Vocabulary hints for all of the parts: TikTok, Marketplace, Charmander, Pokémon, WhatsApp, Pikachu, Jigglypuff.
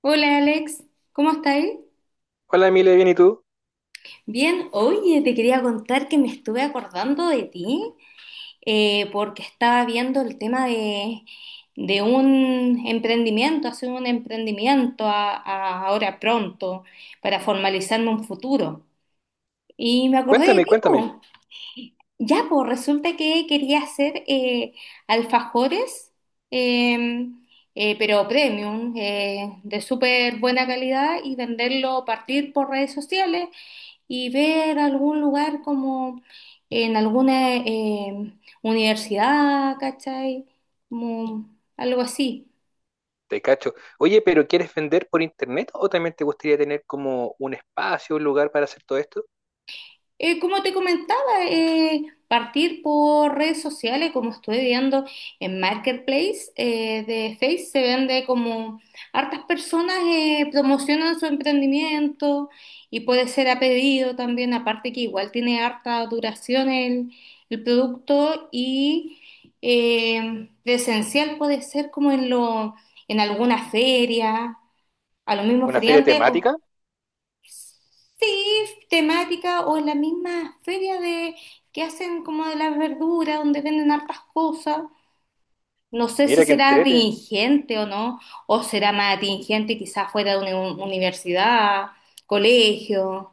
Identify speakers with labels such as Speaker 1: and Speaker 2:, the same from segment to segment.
Speaker 1: Hola Alex, ¿cómo estáis?
Speaker 2: Hola Emilia, bien, ¿y tú?
Speaker 1: Bien, oye, te quería contar que me estuve acordando de ti, porque estaba viendo el tema de un emprendimiento, hacer un emprendimiento ahora pronto para formalizarme un futuro. Y me acordé de
Speaker 2: Cuéntame,
Speaker 1: ti,
Speaker 2: cuéntame.
Speaker 1: po. Ya, pues resulta que quería hacer alfajores, eh, pero premium, de súper buena calidad y venderlo, partir por redes sociales y ver algún lugar como en alguna universidad, ¿cachai? Como algo así.
Speaker 2: Te cacho. Oye, pero ¿quieres vender por internet o también te gustaría tener como un espacio, un lugar para hacer todo esto?
Speaker 1: Como te comentaba, partir por redes sociales, como estoy viendo en Marketplace de Face, se vende como hartas personas promocionan su emprendimiento y puede ser a pedido también, aparte que igual tiene harta duración el producto y presencial puede ser como en alguna feria, a los mismos
Speaker 2: ¿Una feria
Speaker 1: feriantes, o
Speaker 2: temática?
Speaker 1: sí, temática o en la misma feria de que hacen como de las verduras, donde venden hartas cosas. No sé si
Speaker 2: Mira que
Speaker 1: será
Speaker 2: entrete.
Speaker 1: atingente o no, o será más atingente quizás fuera de una universidad, colegio.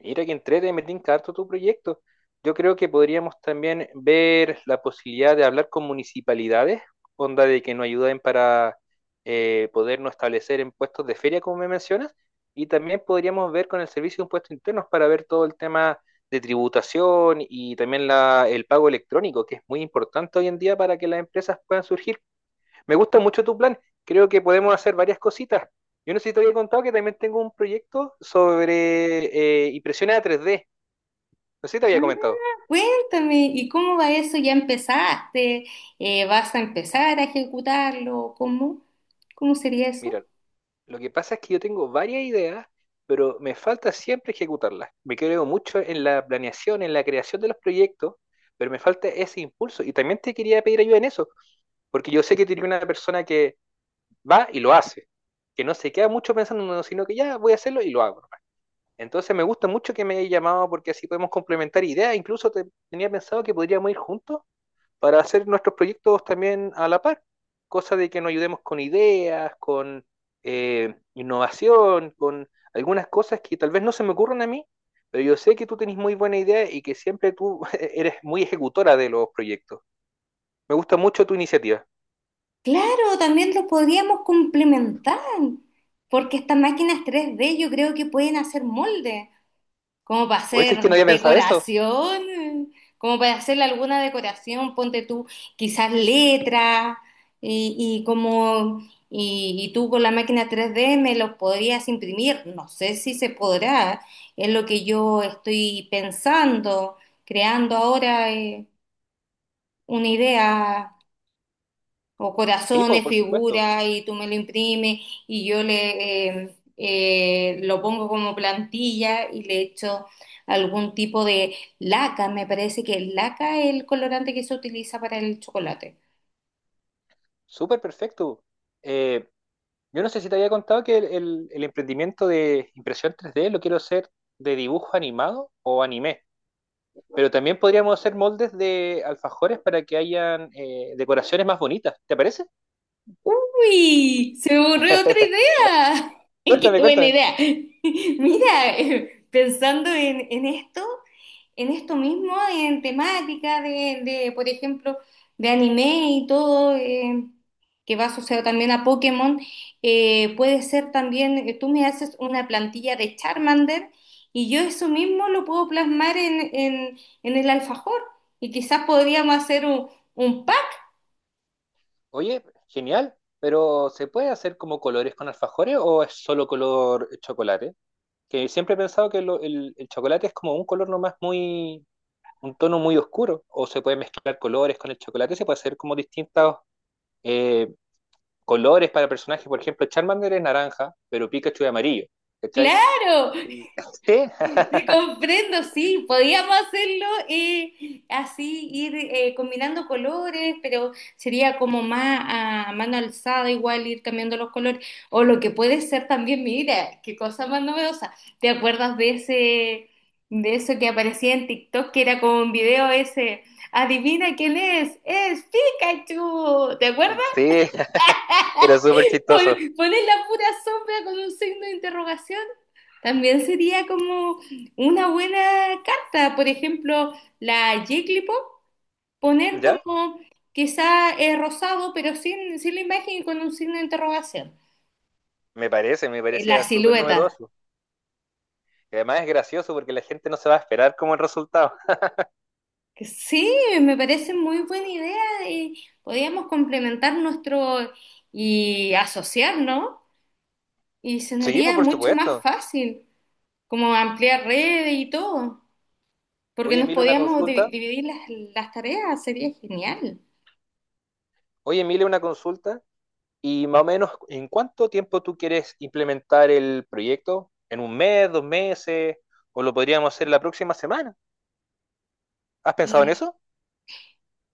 Speaker 2: Mira que entrete, me tinca harto tu proyecto. Yo creo que podríamos también ver la posibilidad de hablar con municipalidades, onda de que nos ayuden para podernos establecer en puestos de feria, como me mencionas, y también podríamos ver con el servicio de impuestos internos para ver todo el tema de tributación y también el pago electrónico, que es muy importante hoy en día para que las empresas puedan surgir. Me gusta mucho tu plan. Creo que podemos hacer varias cositas. Yo no sé si te había contado que también tengo un proyecto sobre impresiones a 3D. No sé si te había
Speaker 1: Ah,
Speaker 2: comentado.
Speaker 1: cuéntame, ¿y cómo va eso? ¿Ya empezaste? ¿Vas a empezar a ejecutarlo? ¿Cómo? ¿Cómo sería eso?
Speaker 2: Mira, lo que pasa es que yo tengo varias ideas, pero me falta siempre ejecutarlas. Me creo mucho en la planeación, en la creación de los proyectos, pero me falta ese impulso. Y también te quería pedir ayuda en eso, porque yo sé que tiene una persona que va y lo hace, que no se queda mucho pensando, no, sino que ya voy a hacerlo y lo hago. Entonces me gusta mucho que me hayas llamado porque así podemos complementar ideas. Incluso tenía pensado que podríamos ir juntos para hacer nuestros proyectos también a la par. Cosa de que nos ayudemos con ideas, con innovación, con algunas cosas que tal vez no se me ocurran a mí, pero yo sé que tú tenés muy buena idea y que siempre tú eres muy ejecutora de los proyectos. Me gusta mucho tu iniciativa.
Speaker 1: Claro, también lo podríamos complementar, porque estas máquinas 3D yo creo que pueden hacer molde, como para
Speaker 2: ¿O es que no
Speaker 1: hacer
Speaker 2: había pensado eso?
Speaker 1: decoración, como para hacerle alguna decoración, ponte tú quizás letras y, y como y tú con la máquina 3D me los podrías imprimir, no sé si se podrá, es lo que yo estoy pensando, creando ahora una idea o
Speaker 2: Sí, po,
Speaker 1: corazones,
Speaker 2: por supuesto.
Speaker 1: figuras, y tú me lo imprimes y yo le lo pongo como plantilla y le echo algún tipo de laca. Me parece que el laca es el colorante que se utiliza para el chocolate.
Speaker 2: Súper perfecto. Eh, Yo no sé si te había contado que el emprendimiento de impresión 3D lo quiero hacer de dibujo animado o anime, pero también podríamos hacer moldes de alfajores para que hayan decoraciones más bonitas, ¿te parece?
Speaker 1: ¡Uy! Se me ocurrió otra idea. ¡Qué
Speaker 2: Cuéntame,
Speaker 1: buena
Speaker 2: cuéntame.
Speaker 1: idea! Mira, pensando en esto mismo, en temática de, por ejemplo, de anime y todo. Que va asociado también a Pokémon. Puede ser también, tú me haces una plantilla de Charmander y yo eso mismo lo puedo plasmar en el alfajor y quizás podríamos hacer un pack,
Speaker 2: Oye, genial, pero ¿se puede hacer como colores con alfajores o es solo color chocolate? Que siempre he pensado que el chocolate es como un color nomás muy, un tono muy oscuro, o se puede mezclar colores con el chocolate, se puede hacer como distintos colores para personajes, por ejemplo, Charmander es naranja, pero Pikachu es amarillo, ¿cachai?
Speaker 1: claro.
Speaker 2: Y- Sí,
Speaker 1: Te comprendo, sí, podíamos hacerlo así, ir combinando colores, pero sería como más a mano alzada, igual ir cambiando los colores. O lo que puede ser también, mira, qué cosa más novedosa. ¿Te acuerdas de de eso que aparecía en TikTok, que era como un video ese? Adivina quién es Pikachu. ¿Te acuerdas?
Speaker 2: sí, era súper chistoso,
Speaker 1: Poner la pura sombra con un signo de interrogación. También sería como una buena carta, por ejemplo, la Jigglypuff, poner
Speaker 2: ¿ya?
Speaker 1: como quizá rosado, pero sin la imagen y con un signo de interrogación.
Speaker 2: Me parece, me
Speaker 1: La
Speaker 2: parecía súper
Speaker 1: silueta.
Speaker 2: novedoso. Y además es gracioso porque la gente no se va a esperar como el resultado.
Speaker 1: Que sí, me parece muy buena idea. Eh, podríamos complementar nuestro y asociarnos y se
Speaker 2: Sí, pues por
Speaker 1: mucho más
Speaker 2: supuesto.
Speaker 1: fácil, como ampliar redes y todo, porque
Speaker 2: Oye,
Speaker 1: nos
Speaker 2: Emilio, una
Speaker 1: podíamos
Speaker 2: consulta.
Speaker 1: dividir las tareas, sería genial.
Speaker 2: Oye, Emilio, una consulta. Y más o menos, ¿en cuánto tiempo tú quieres implementar el proyecto? ¿En un mes, dos meses? ¿O lo podríamos hacer la próxima semana? ¿Has pensado en
Speaker 1: Eh,
Speaker 2: eso?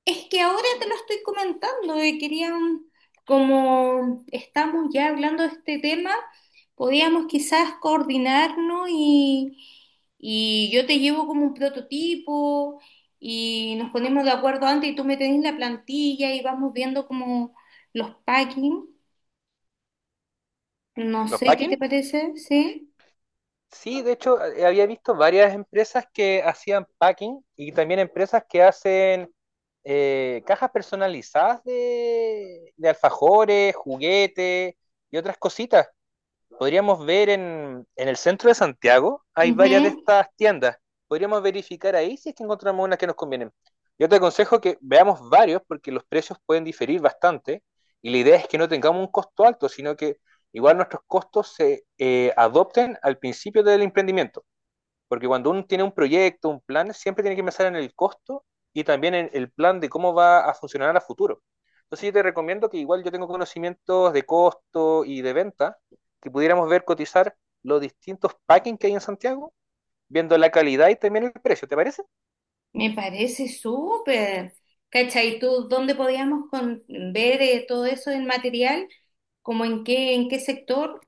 Speaker 1: Es que ahora te lo estoy comentando y querían, como estamos ya hablando de este tema, podíamos quizás coordinarnos y yo te llevo como un prototipo y nos ponemos de acuerdo antes y tú me tenés la plantilla y vamos viendo como los packing. No
Speaker 2: ¿Los
Speaker 1: sé qué
Speaker 2: packing?
Speaker 1: te parece, ¿sí?
Speaker 2: Sí, de hecho, había visto varias empresas que hacían packing y también empresas que hacen cajas personalizadas de alfajores, juguetes y otras cositas podríamos ver en el centro de Santiago, hay varias de
Speaker 1: Ujú.
Speaker 2: estas tiendas. Podríamos verificar ahí si es que encontramos unas que nos convienen. Yo te aconsejo que veamos varios porque los precios pueden diferir bastante y la idea es que no tengamos un costo alto, sino que igual nuestros costos se adopten al principio del emprendimiento. Porque cuando uno tiene un proyecto, un plan, siempre tiene que pensar en el costo y también en el plan de cómo va a funcionar a futuro. Entonces yo te recomiendo que igual yo tengo conocimientos de costo y de venta, que pudiéramos ver cotizar los distintos packings que hay en Santiago, viendo la calidad y también el precio, ¿te parece?
Speaker 1: Me parece súper. ¿Cachai? ¿Tú dónde podíamos ver todo eso en material? ¿Cómo en qué sector?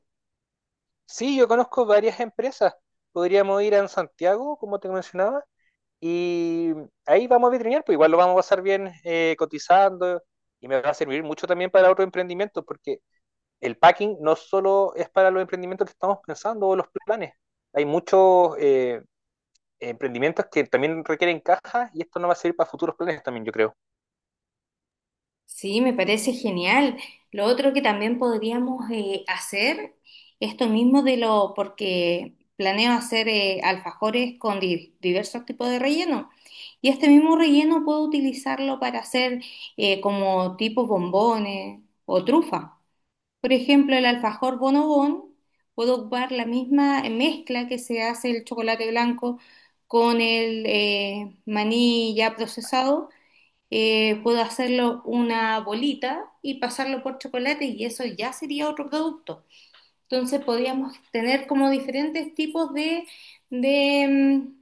Speaker 2: Sí, yo conozco varias empresas. Podríamos ir a Santiago, como te mencionaba, y ahí vamos a vitrinear, pues igual lo vamos a pasar bien cotizando y me va a servir mucho también para otro emprendimiento, porque el packing no solo es para los emprendimientos que estamos pensando o los planes. Hay muchos emprendimientos que también requieren cajas y esto no va a servir para futuros planes también, yo creo.
Speaker 1: Sí, me parece genial. Lo otro que también podríamos hacer, esto mismo de lo, porque planeo hacer alfajores con diversos tipos de relleno. Y este mismo relleno puedo utilizarlo para hacer como tipo bombones o trufa. Por ejemplo, el alfajor bonobón, puedo ocupar la misma mezcla que se hace el chocolate blanco con el maní ya procesado. Puedo hacerlo una bolita y pasarlo por chocolate y eso ya sería otro producto. Entonces podríamos tener como diferentes tipos de,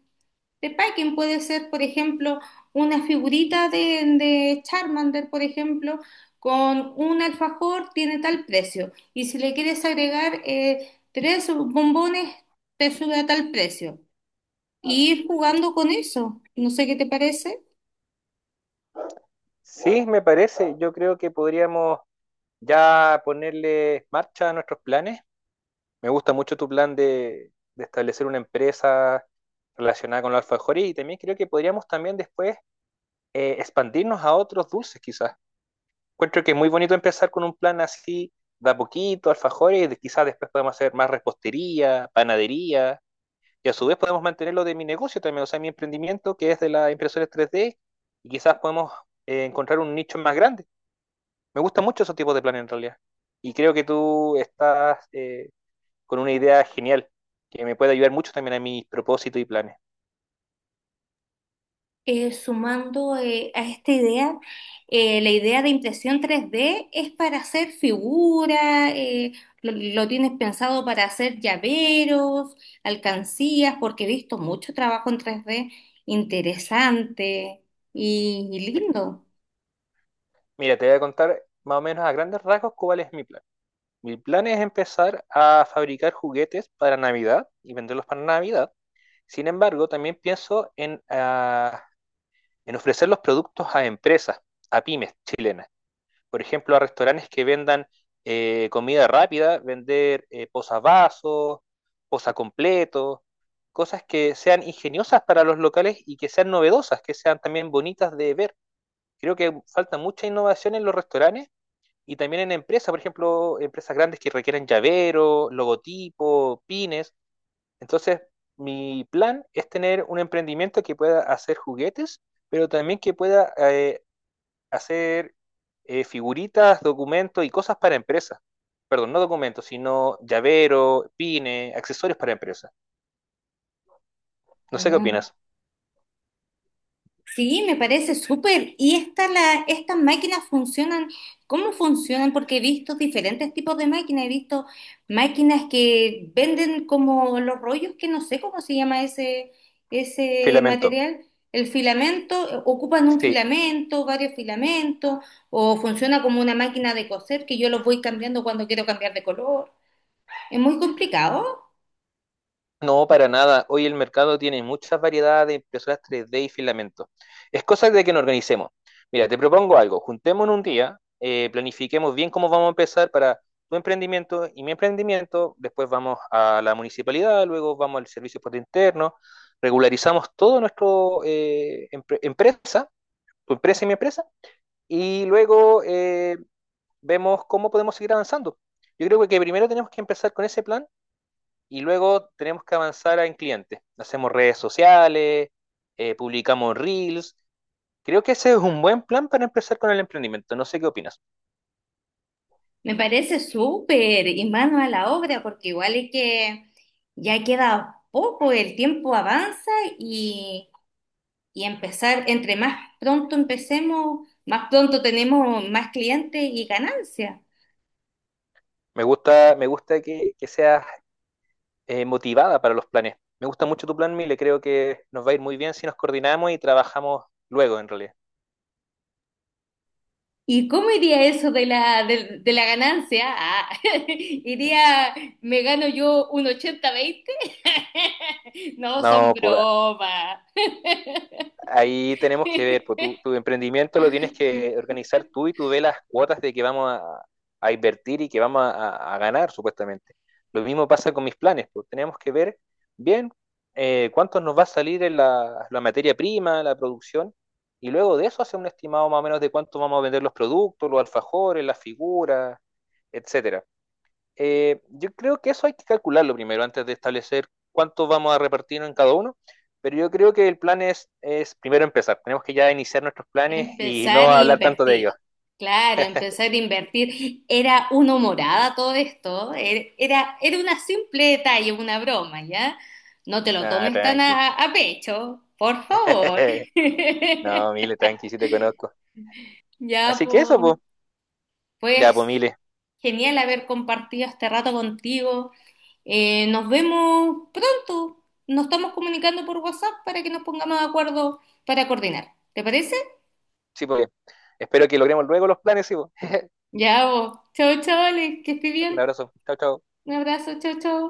Speaker 1: de packing. Puede ser, por ejemplo, una figurita de Charmander, por ejemplo, con un alfajor tiene tal precio. Y si le quieres agregar tres bombones, te sube a tal precio. Y ir jugando con eso. No sé qué te parece.
Speaker 2: Sí, me parece. Yo creo que podríamos ya ponerle marcha a nuestros planes. Me gusta mucho tu plan de establecer una empresa relacionada con los alfajores y también creo que podríamos también después expandirnos a otros dulces quizás. Encuentro que es muy bonito empezar con un plan así, de a poquito, alfajores, y quizás después podemos hacer más repostería, panadería, y a su vez podemos mantenerlo de mi negocio también, o sea, mi emprendimiento que es de las impresoras 3D, y quizás podemos encontrar un nicho más grande. Me gusta mucho esos tipos de planes en realidad, y creo que tú estás con una idea genial que me puede ayudar mucho también a mis propósitos y planes.
Speaker 1: Sumando a esta idea, la idea de impresión 3D es para hacer figuras, eh, lo tienes pensado para hacer llaveros, alcancías, porque he visto mucho trabajo en 3D interesante y lindo.
Speaker 2: Mira, te voy a contar más o menos a grandes rasgos cuál es mi plan. Mi plan es empezar a fabricar juguetes para Navidad y venderlos para Navidad. Sin embargo, también pienso en, ah, en ofrecer los productos a empresas, a pymes chilenas. Por ejemplo, a restaurantes que vendan comida rápida, vender posavasos, posacompletos, cosas que sean ingeniosas para los locales y que sean novedosas, que sean también bonitas de ver. Creo que falta mucha innovación en los restaurantes y también en empresas, por ejemplo, empresas grandes que requieren llavero, logotipo, pines. Entonces, mi plan es tener un emprendimiento que pueda hacer juguetes, pero también que pueda hacer figuritas, documentos y cosas para empresas. Perdón, no documentos, sino llavero, pines, accesorios para empresas. No sé qué
Speaker 1: ¿No?
Speaker 2: opinas.
Speaker 1: Sí, me parece súper. ¿Y esta la, estas máquinas funcionan? ¿Cómo funcionan? Porque he visto diferentes tipos de máquinas. He visto máquinas que venden como los rollos, que no sé cómo se llama ese
Speaker 2: Filamento.
Speaker 1: material. El filamento, ocupan un
Speaker 2: Sí,
Speaker 1: filamento, varios filamentos, o funciona como una máquina de coser que yo los voy cambiando cuando quiero cambiar de color. Es muy complicado.
Speaker 2: no, para nada. Hoy el mercado tiene muchas variedades de impresoras 3D y filamentos. Es cosa de que nos organicemos. Mira, te propongo algo. Juntémonos un día, planifiquemos bien cómo vamos a empezar para tu emprendimiento y mi emprendimiento. Después vamos a la municipalidad, luego vamos al servicio por interno. Regularizamos todo nuestro empresa, tu empresa y mi empresa, y luego vemos cómo podemos seguir avanzando. Yo creo que primero tenemos que empezar con ese plan y luego tenemos que avanzar en clientes. Hacemos redes sociales, publicamos reels. Creo que ese es un buen plan para empezar con el emprendimiento. No sé qué opinas.
Speaker 1: Me parece súper y mano a la obra, porque igual es que ya queda poco, el tiempo avanza y, y empezar, entre más pronto empecemos, más pronto tenemos más clientes y ganancia.
Speaker 2: Me gusta que seas motivada para los planes. Me gusta mucho tu plan, Mile. Creo que nos va a ir muy bien si nos coordinamos y trabajamos luego, en realidad.
Speaker 1: ¿Y cómo iría eso de de la ganancia? Ah, iría, me gano yo un 80-20. No, son
Speaker 2: No, pues
Speaker 1: bromas.
Speaker 2: ahí tenemos que ver, pues tu emprendimiento lo tienes que organizar tú y tú ves las cuotas de que vamos a invertir y que vamos a ganar, supuestamente. Lo mismo pasa con mis planes, pues tenemos que ver bien cuánto nos va a salir en la materia prima, la producción, y luego de eso hacer un estimado más o menos de cuánto vamos a vender los productos, los alfajores, las figuras, etcétera. Yo creo que eso hay que calcularlo primero antes de establecer cuánto vamos a repartir en cada uno, pero yo creo que el plan es primero empezar. Tenemos que ya iniciar nuestros planes y
Speaker 1: Empezar
Speaker 2: no
Speaker 1: a
Speaker 2: hablar tanto de
Speaker 1: invertir.
Speaker 2: ellos.
Speaker 1: Claro, empezar a invertir. Era una humorada todo esto. Era una simple detalle, una broma, ¿ya? No te lo
Speaker 2: Ah,
Speaker 1: tomes tan
Speaker 2: tranqui.
Speaker 1: a pecho, por favor.
Speaker 2: No, Mile, tranqui, sí te conozco.
Speaker 1: Ya,
Speaker 2: Así
Speaker 1: po.
Speaker 2: que eso, pues. Ya, pues,
Speaker 1: Pues,
Speaker 2: Mile.
Speaker 1: genial haber compartido este rato contigo. Nos vemos pronto. Nos estamos comunicando por WhatsApp para que nos pongamos de acuerdo para coordinar. ¿Te parece?
Speaker 2: Sí, pues. Espero que logremos luego los planes, sí, pues.
Speaker 1: Ya, po. Chau, chavales, que estés
Speaker 2: Un
Speaker 1: bien.
Speaker 2: abrazo. Chao, chao.
Speaker 1: Un abrazo, chao, chao.